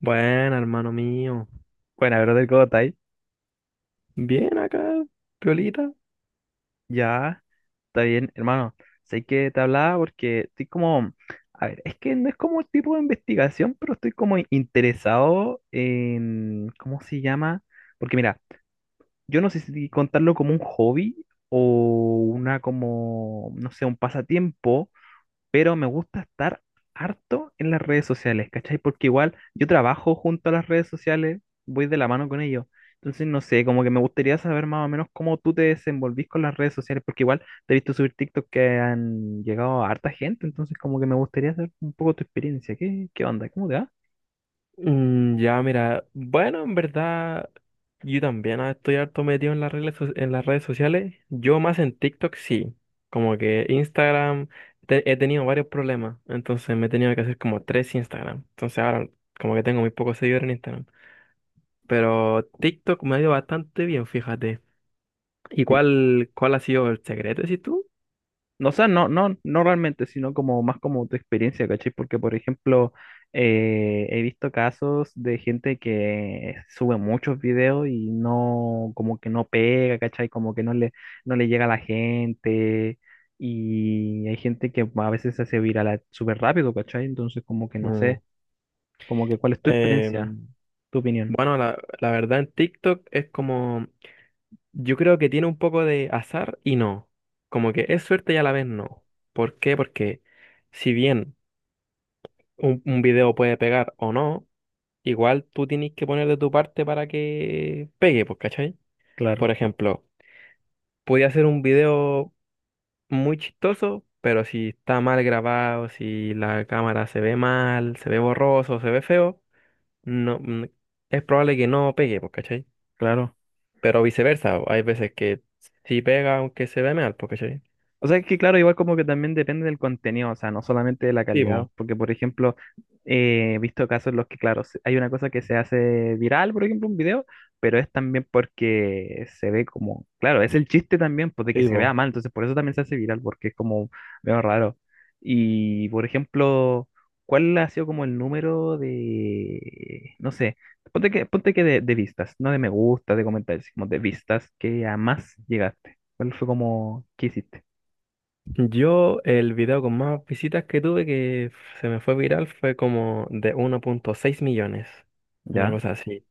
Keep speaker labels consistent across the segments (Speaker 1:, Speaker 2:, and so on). Speaker 1: Bueno, hermano mío.
Speaker 2: Bueno, brother, ¿cómo está ahí?
Speaker 1: Bien acá, Piolita.
Speaker 2: Ya, está bien, hermano. Sé que te hablaba porque estoy como, a ver, es que no es como tipo de investigación, pero estoy como interesado en, ¿cómo se llama? Porque mira, yo no sé si contarlo como un hobby o una como, no sé, un pasatiempo, pero me gusta estar harto en las redes sociales, ¿cachai? Porque igual yo trabajo junto a las redes sociales, voy de la mano con ellos. Entonces, no sé, como que me gustaría saber más o menos cómo tú te desenvolvís con las redes sociales, porque igual te he visto subir TikTok que han llegado a harta gente, entonces como que me gustaría saber un poco tu experiencia. ¿Qué onda? ¿Cómo te va?
Speaker 1: Ya, mira, bueno, en verdad, yo también estoy harto metido en las redes, en las redes sociales. Yo más en TikTok sí. Como que Instagram, he tenido varios problemas. Entonces me he tenido que hacer como tres Instagram. Entonces ahora como que tengo muy pocos seguidores en Instagram. Pero TikTok me ha ido bastante bien, fíjate. ¿Y cuál ha sido el secreto, decís tú?
Speaker 2: No, o sea, no, no, no realmente, sino como más como tu experiencia, ¿cachai? Porque, por ejemplo, he visto casos de gente que sube muchos videos y no, como que no pega, ¿cachai? Como que no le, no le llega a la gente. Y hay gente que a veces se hace viral súper rápido, ¿cachai? Entonces, como que no
Speaker 1: Mm.
Speaker 2: sé, como que cuál es tu experiencia,
Speaker 1: Em,
Speaker 2: tu opinión.
Speaker 1: bueno, la verdad en TikTok es como... Yo creo que tiene un poco de azar y no. Como que es suerte y a la vez no. ¿Por qué? Porque si bien un video puede pegar o no, igual tú tienes que poner de tu parte para que pegue, pues, ¿cachai?
Speaker 2: Claro,
Speaker 1: Por ejemplo, podía ser un video muy chistoso, pero si está mal grabado, si la cámara se ve mal, se ve borroso, se ve feo, no, mm, es probable que no pegue, pues, ¿cachai?
Speaker 2: claro.
Speaker 1: Pero viceversa, hay veces que sí pega aunque se ve mal, pues, ¿cachai?
Speaker 2: O sea, es que claro, igual como que también depende del contenido, o sea, no solamente de la
Speaker 1: Sí,
Speaker 2: calidad,
Speaker 1: pues.
Speaker 2: porque por ejemplo, he visto casos en los que, claro, hay una cosa que se hace viral, por ejemplo, un video, pero es también porque se ve como, claro, es el chiste también, pues de que
Speaker 1: Sí,
Speaker 2: se vea
Speaker 1: po.
Speaker 2: mal, entonces por eso también se hace viral, porque es como medio raro. Y por ejemplo, ¿cuál ha sido como el número de, no sé, ponte que de vistas, no de me gusta, de comentarios, como de vistas que a más llegaste? ¿Cuál fue como, qué hiciste?
Speaker 1: Yo el video con más visitas que tuve que se me fue viral fue como de 1,6 millones, una
Speaker 2: Ya.
Speaker 1: cosa así.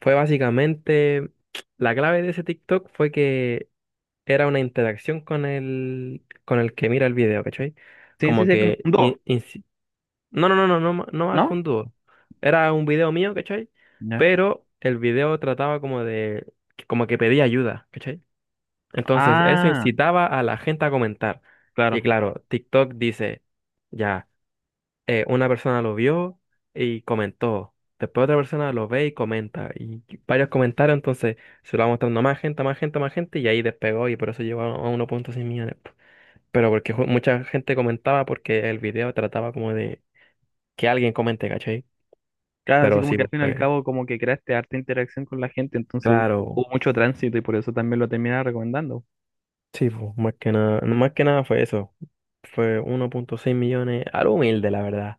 Speaker 1: Fue básicamente, la clave de ese TikTok fue que era una interacción con el que mira el video, ¿cachai?
Speaker 2: Sí, sí,
Speaker 1: Como
Speaker 2: sí, como
Speaker 1: que...
Speaker 2: un dúo,
Speaker 1: no más que
Speaker 2: ¿no?
Speaker 1: un dúo. Era un video mío, ¿cachai?
Speaker 2: Ya.
Speaker 1: Pero el video trataba como de... como que pedía ayuda, ¿cachai? Entonces, eso
Speaker 2: Ah,
Speaker 1: incitaba a la gente a comentar. Y
Speaker 2: claro.
Speaker 1: claro, TikTok dice, ya, una persona lo vio y comentó. Después otra persona lo ve y comenta. Y varios comentarios, entonces se lo va mostrando a más gente, a más gente, a más gente. Y ahí despegó y por eso llegó a 1,6 millones, po. Pero porque mucha gente comentaba porque el video trataba como de que alguien comente, ¿cachai?
Speaker 2: Claro, así
Speaker 1: Pero
Speaker 2: como
Speaker 1: sí,
Speaker 2: que al
Speaker 1: pues,
Speaker 2: fin y al cabo como que creaste harta interacción con la gente, entonces
Speaker 1: claro.
Speaker 2: hubo mucho tránsito y por eso también lo terminaba recomendando.
Speaker 1: Sí, pues, más que nada fue eso. Fue 1,6 millones, algo humilde, la verdad.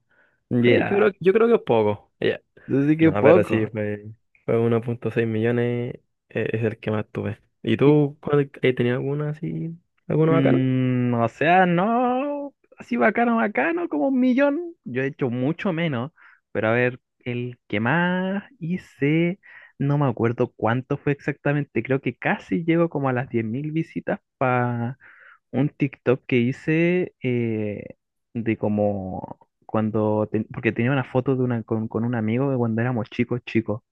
Speaker 2: Ya.
Speaker 1: Yo creo que es poco. Ya.
Speaker 2: Entonces sí
Speaker 1: No,
Speaker 2: que
Speaker 1: pero sí,
Speaker 2: poco.
Speaker 1: fue 1,6 millones, es el que más tuve. ¿Y
Speaker 2: Y,
Speaker 1: tú cuál, tenías alguna así, alguno bacano?
Speaker 2: o sea, no, así bacano, bacano, como un millón. Yo he hecho mucho menos, pero a ver, el que más hice, no me acuerdo cuánto fue exactamente, creo que casi llego como a las 10.000 visitas un TikTok que hice de como cuando, porque tenía una foto de una, con un amigo de cuando éramos chicos, chicos,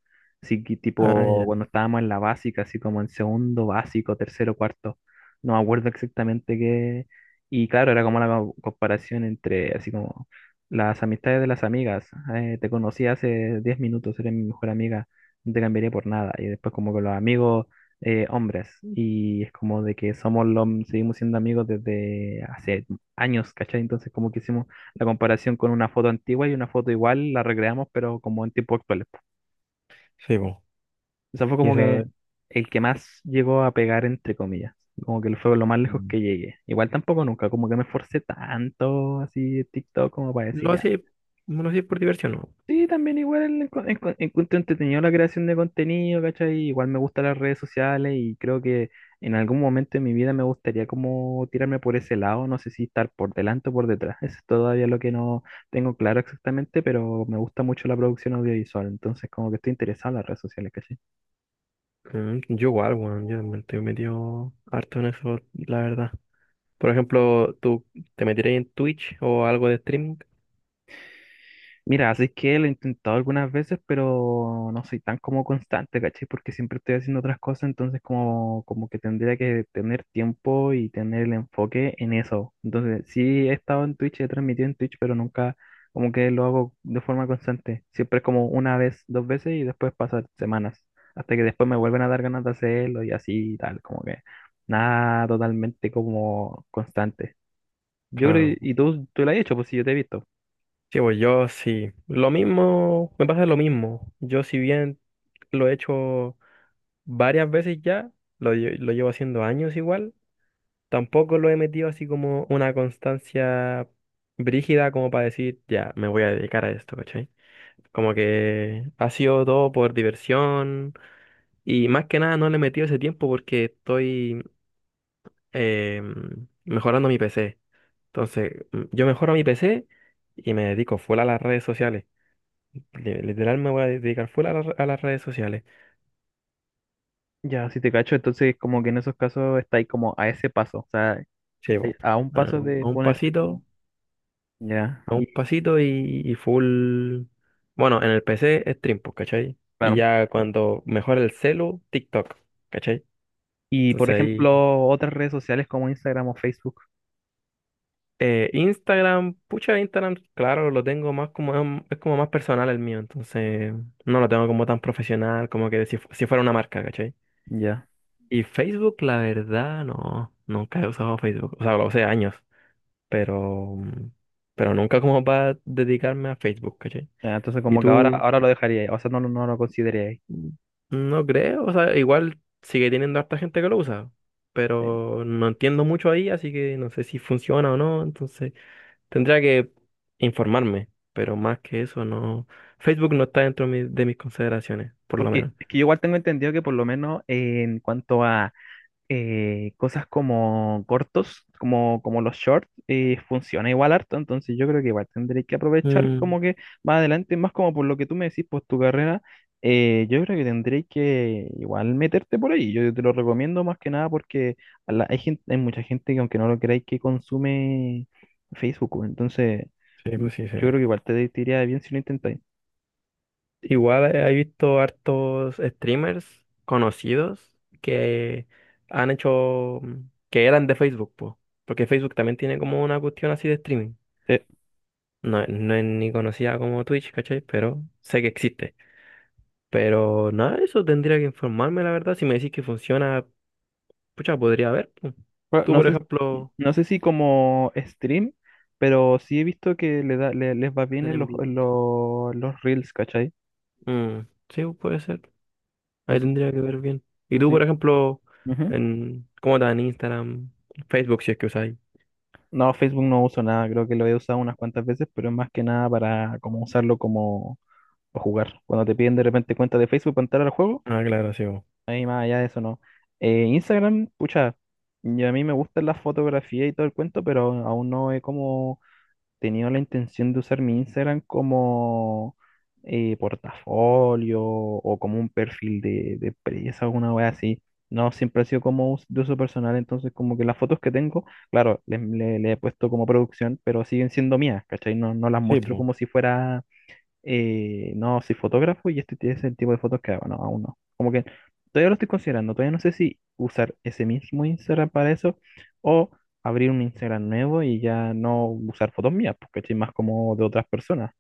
Speaker 2: así que
Speaker 1: Ah,
Speaker 2: tipo
Speaker 1: ya.
Speaker 2: cuando estábamos en la básica, así como en segundo básico, tercero, cuarto, no me acuerdo exactamente qué, y claro, era como la comparación entre, así como las amistades de las amigas, te conocí hace 10 minutos, eres mi mejor amiga, no te cambiaría por nada, y después como con los amigos hombres y es como de que somos los, seguimos siendo amigos desde hace años, ¿cachai? Entonces como que hicimos la comparación con una foto antigua y una foto igual, la recreamos pero como en tiempos actuales, po.
Speaker 1: Sí, po.
Speaker 2: Eso fue
Speaker 1: Y
Speaker 2: como que
Speaker 1: esa...
Speaker 2: el que más llegó a pegar entre comillas, como que fue lo más lejos
Speaker 1: mm,
Speaker 2: que llegué. Igual tampoco nunca, como que me esforcé tanto así en TikTok como para decir
Speaker 1: ¿Lo
Speaker 2: ya.
Speaker 1: hacía, lo hacía por diversión, no?
Speaker 2: Sí, también igual encuentro entretenido la creación de contenido, ¿cachai? Igual me gustan las redes sociales y creo que en algún momento de mi vida me gustaría como tirarme por ese lado, no sé si estar por delante o por detrás, eso es todavía lo que no tengo claro exactamente, pero me gusta mucho la producción audiovisual, entonces como que estoy interesado en las redes sociales, ¿cachai?
Speaker 1: Mm, yo igual, weón, yo me estoy metido harto en eso, la verdad. Por ejemplo, ¿tú te meterías en Twitch o algo de streaming?
Speaker 2: Mira, así es que lo he intentado algunas veces, pero no soy tan como constante, ¿cachai? Porque siempre estoy haciendo otras cosas, entonces como que tendría que tener tiempo y tener el enfoque en eso. Entonces, sí he estado en Twitch, he transmitido en Twitch, pero nunca como que lo hago de forma constante. Siempre es como una vez, dos veces y después pasan semanas, hasta que después me vuelven a dar ganas de hacerlo y así y tal, como que nada totalmente como constante. Yo creo,
Speaker 1: Claro.
Speaker 2: y tú lo has hecho, pues sí, yo te he visto.
Speaker 1: Sí, pues yo sí. Lo mismo, me pasa lo mismo. Yo si bien lo he hecho varias veces ya, lo llevo haciendo años igual. Tampoco lo he metido así como una constancia brígida como para decir, ya, me voy a dedicar a esto, ¿cachai? Como que ha sido todo por diversión y más que nada no le he metido ese tiempo porque estoy mejorando mi PC. Entonces, yo mejoro mi PC y me dedico full a las redes sociales. Literal me voy a dedicar full a, a las redes sociales.
Speaker 2: Ya, si te cacho, entonces como que en esos casos está ahí como a ese paso, o sea,
Speaker 1: Sí, bo,
Speaker 2: a un paso de
Speaker 1: a un
Speaker 2: ponerte.
Speaker 1: pasito.
Speaker 2: Ya,
Speaker 1: A un
Speaker 2: y
Speaker 1: pasito y full. Bueno, en el PC stream, pues, ¿cachai? Y
Speaker 2: claro.
Speaker 1: ya cuando mejora el celu, TikTok, ¿cachai?
Speaker 2: Y por
Speaker 1: Entonces ahí.
Speaker 2: ejemplo, otras redes sociales como Instagram o Facebook,
Speaker 1: Eh, Instagram, pucha, Instagram, claro, lo tengo más como... Es como más personal el mío, entonces no lo tengo como tan profesional, como que si, si fuera una marca, ¿cachai?
Speaker 2: ya.
Speaker 1: Y Facebook, la verdad, no. Nunca he usado Facebook. O sea, lo usé años, pero... Pero nunca como para dedicarme a Facebook, ¿cachai?
Speaker 2: Ya, entonces
Speaker 1: ¿Y
Speaker 2: como que ahora,
Speaker 1: tú?
Speaker 2: ahora lo dejaría ahí, o sea, no, no lo consideraría ahí.
Speaker 1: No creo, o sea, igual sigue teniendo harta gente que lo usa,
Speaker 2: Eh,
Speaker 1: pero no entiendo mucho ahí, así que no sé si funciona o no, entonces tendría que informarme, pero más que eso no. Facebook no está dentro de mis consideraciones, por lo
Speaker 2: Porque
Speaker 1: menos.
Speaker 2: es que yo igual tengo entendido que por lo menos en cuanto a cosas como cortos, como los shorts, funciona igual harto, entonces yo creo que igual tendré que aprovechar
Speaker 1: Mm,
Speaker 2: como que más adelante, más como por lo que tú me decís, pues tu carrera, yo creo que tendréis que igual meterte por ahí, yo te lo recomiendo más que nada porque hay gente, hay mucha gente que aunque no lo creáis que consume Facebook, pues, entonces
Speaker 1: sí,
Speaker 2: yo
Speaker 1: pues sí, sí.
Speaker 2: creo que igual te iría bien si lo intentáis.
Speaker 1: Igual he visto hartos streamers conocidos que han hecho, mm, que eran de Facebook, po, porque Facebook también tiene como una cuestión así de streaming. No, no es ni conocida como Twitch, ¿cachai? Pero sé que existe. Pero nada, eso tendría que informarme, la verdad. Si me decís que funciona, pucha, podría ver, pu.
Speaker 2: Bueno,
Speaker 1: Tú,
Speaker 2: No
Speaker 1: por
Speaker 2: sé,
Speaker 1: ejemplo,
Speaker 2: no sé si como stream, pero sí he visto que le da, les va bien
Speaker 1: hacen
Speaker 2: en
Speaker 1: en
Speaker 2: los,
Speaker 1: vivo.
Speaker 2: en los, los reels, ¿cachai?
Speaker 1: Mm, sí, puede ser. Ahí
Speaker 2: Entonces,
Speaker 1: tendría que ver bien. Y tú,
Speaker 2: entonces
Speaker 1: por
Speaker 2: sí.
Speaker 1: ejemplo,
Speaker 2: Ujú.
Speaker 1: en, ¿cómo estás en Instagram, Facebook, si es que usáis?
Speaker 2: No, Facebook no uso nada, creo que lo he usado unas cuantas veces, pero es más que nada para como usarlo como para jugar. Cuando te piden de repente cuenta de Facebook para entrar al juego,
Speaker 1: Ah, claro, sí, po.
Speaker 2: ahí más allá de eso no. Instagram, pucha, y a mí me gustan las fotografías y todo el cuento, pero aún no he como. Tenía la intención de usar mi Instagram como portafolio o como un perfil de empresa, alguna wea así. No, siempre ha sido como de uso personal, entonces como que las fotos que tengo, claro, le he puesto como producción, pero siguen siendo mías, ¿cachai? No, no las
Speaker 1: Sí,
Speaker 2: muestro como si fuera y no, soy fotógrafo y este es el tipo de fotos que hago, no, aún no. Como que todavía lo estoy considerando, todavía no sé si usar ese mismo Instagram para eso o abrir un Instagram nuevo y ya no usar fotos mías, porque estoy más como de otras personas,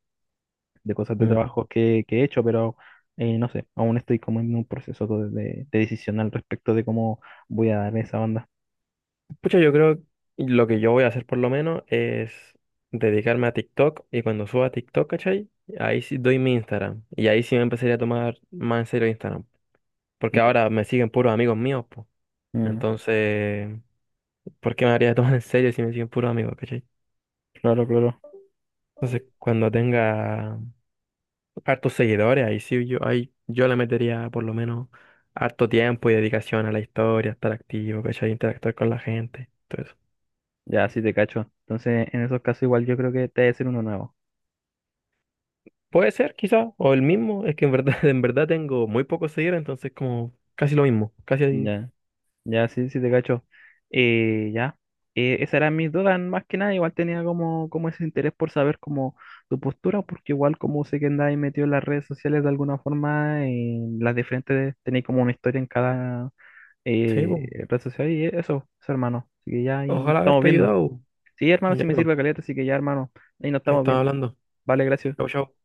Speaker 2: de cosas de
Speaker 1: pues.
Speaker 2: trabajo que he hecho, pero no sé, aún estoy como en un proceso de decisión al respecto de cómo voy a darle esa onda.
Speaker 1: Pucha, yo creo lo que yo voy a hacer por lo menos es dedicarme a TikTok y cuando suba TikTok, ¿cachai? Ahí sí doy mi Instagram y ahí sí me empezaría a tomar más en serio Instagram, porque
Speaker 2: Ya.
Speaker 1: ahora me siguen puros amigos míos, pues.
Speaker 2: Mm,
Speaker 1: Entonces, ¿por qué me haría tomar en serio si me siguen puros amigos, ¿cachai?
Speaker 2: claro, claro.
Speaker 1: Entonces, cuando tenga hartos seguidores, ahí sí yo, ahí yo le metería por lo menos harto tiempo y dedicación a la historia, estar activo, ¿cachai? Interactuar con la gente, todo eso.
Speaker 2: Ya, sí te cacho. Entonces, en esos casos igual yo creo que te debe ser uno nuevo.
Speaker 1: Puede ser, quizá, o el mismo, es que en verdad, en verdad tengo muy pocos seguidores, entonces como casi lo mismo, casi, así.
Speaker 2: Ya. Ya, sí, sí, te cacho. Ya. Esas eran mis dudas, más que nada. Igual tenía como ese interés por saber como tu postura, porque igual como sé que andáis metido en las redes sociales de alguna forma, en las diferentes, tenéis como una historia en cada
Speaker 1: Sí, po.
Speaker 2: red social y eso, hermano. Así que ya ahí nos
Speaker 1: Ojalá
Speaker 2: estamos
Speaker 1: haberte
Speaker 2: viendo.
Speaker 1: ayudado.
Speaker 2: Sí, hermano,
Speaker 1: Ya,
Speaker 2: sí me
Speaker 1: pues,
Speaker 2: sirve caleta, así que ya, hermano, ahí nos estamos
Speaker 1: estaba
Speaker 2: viendo.
Speaker 1: hablando.
Speaker 2: Vale, gracias.
Speaker 1: Chau, chau.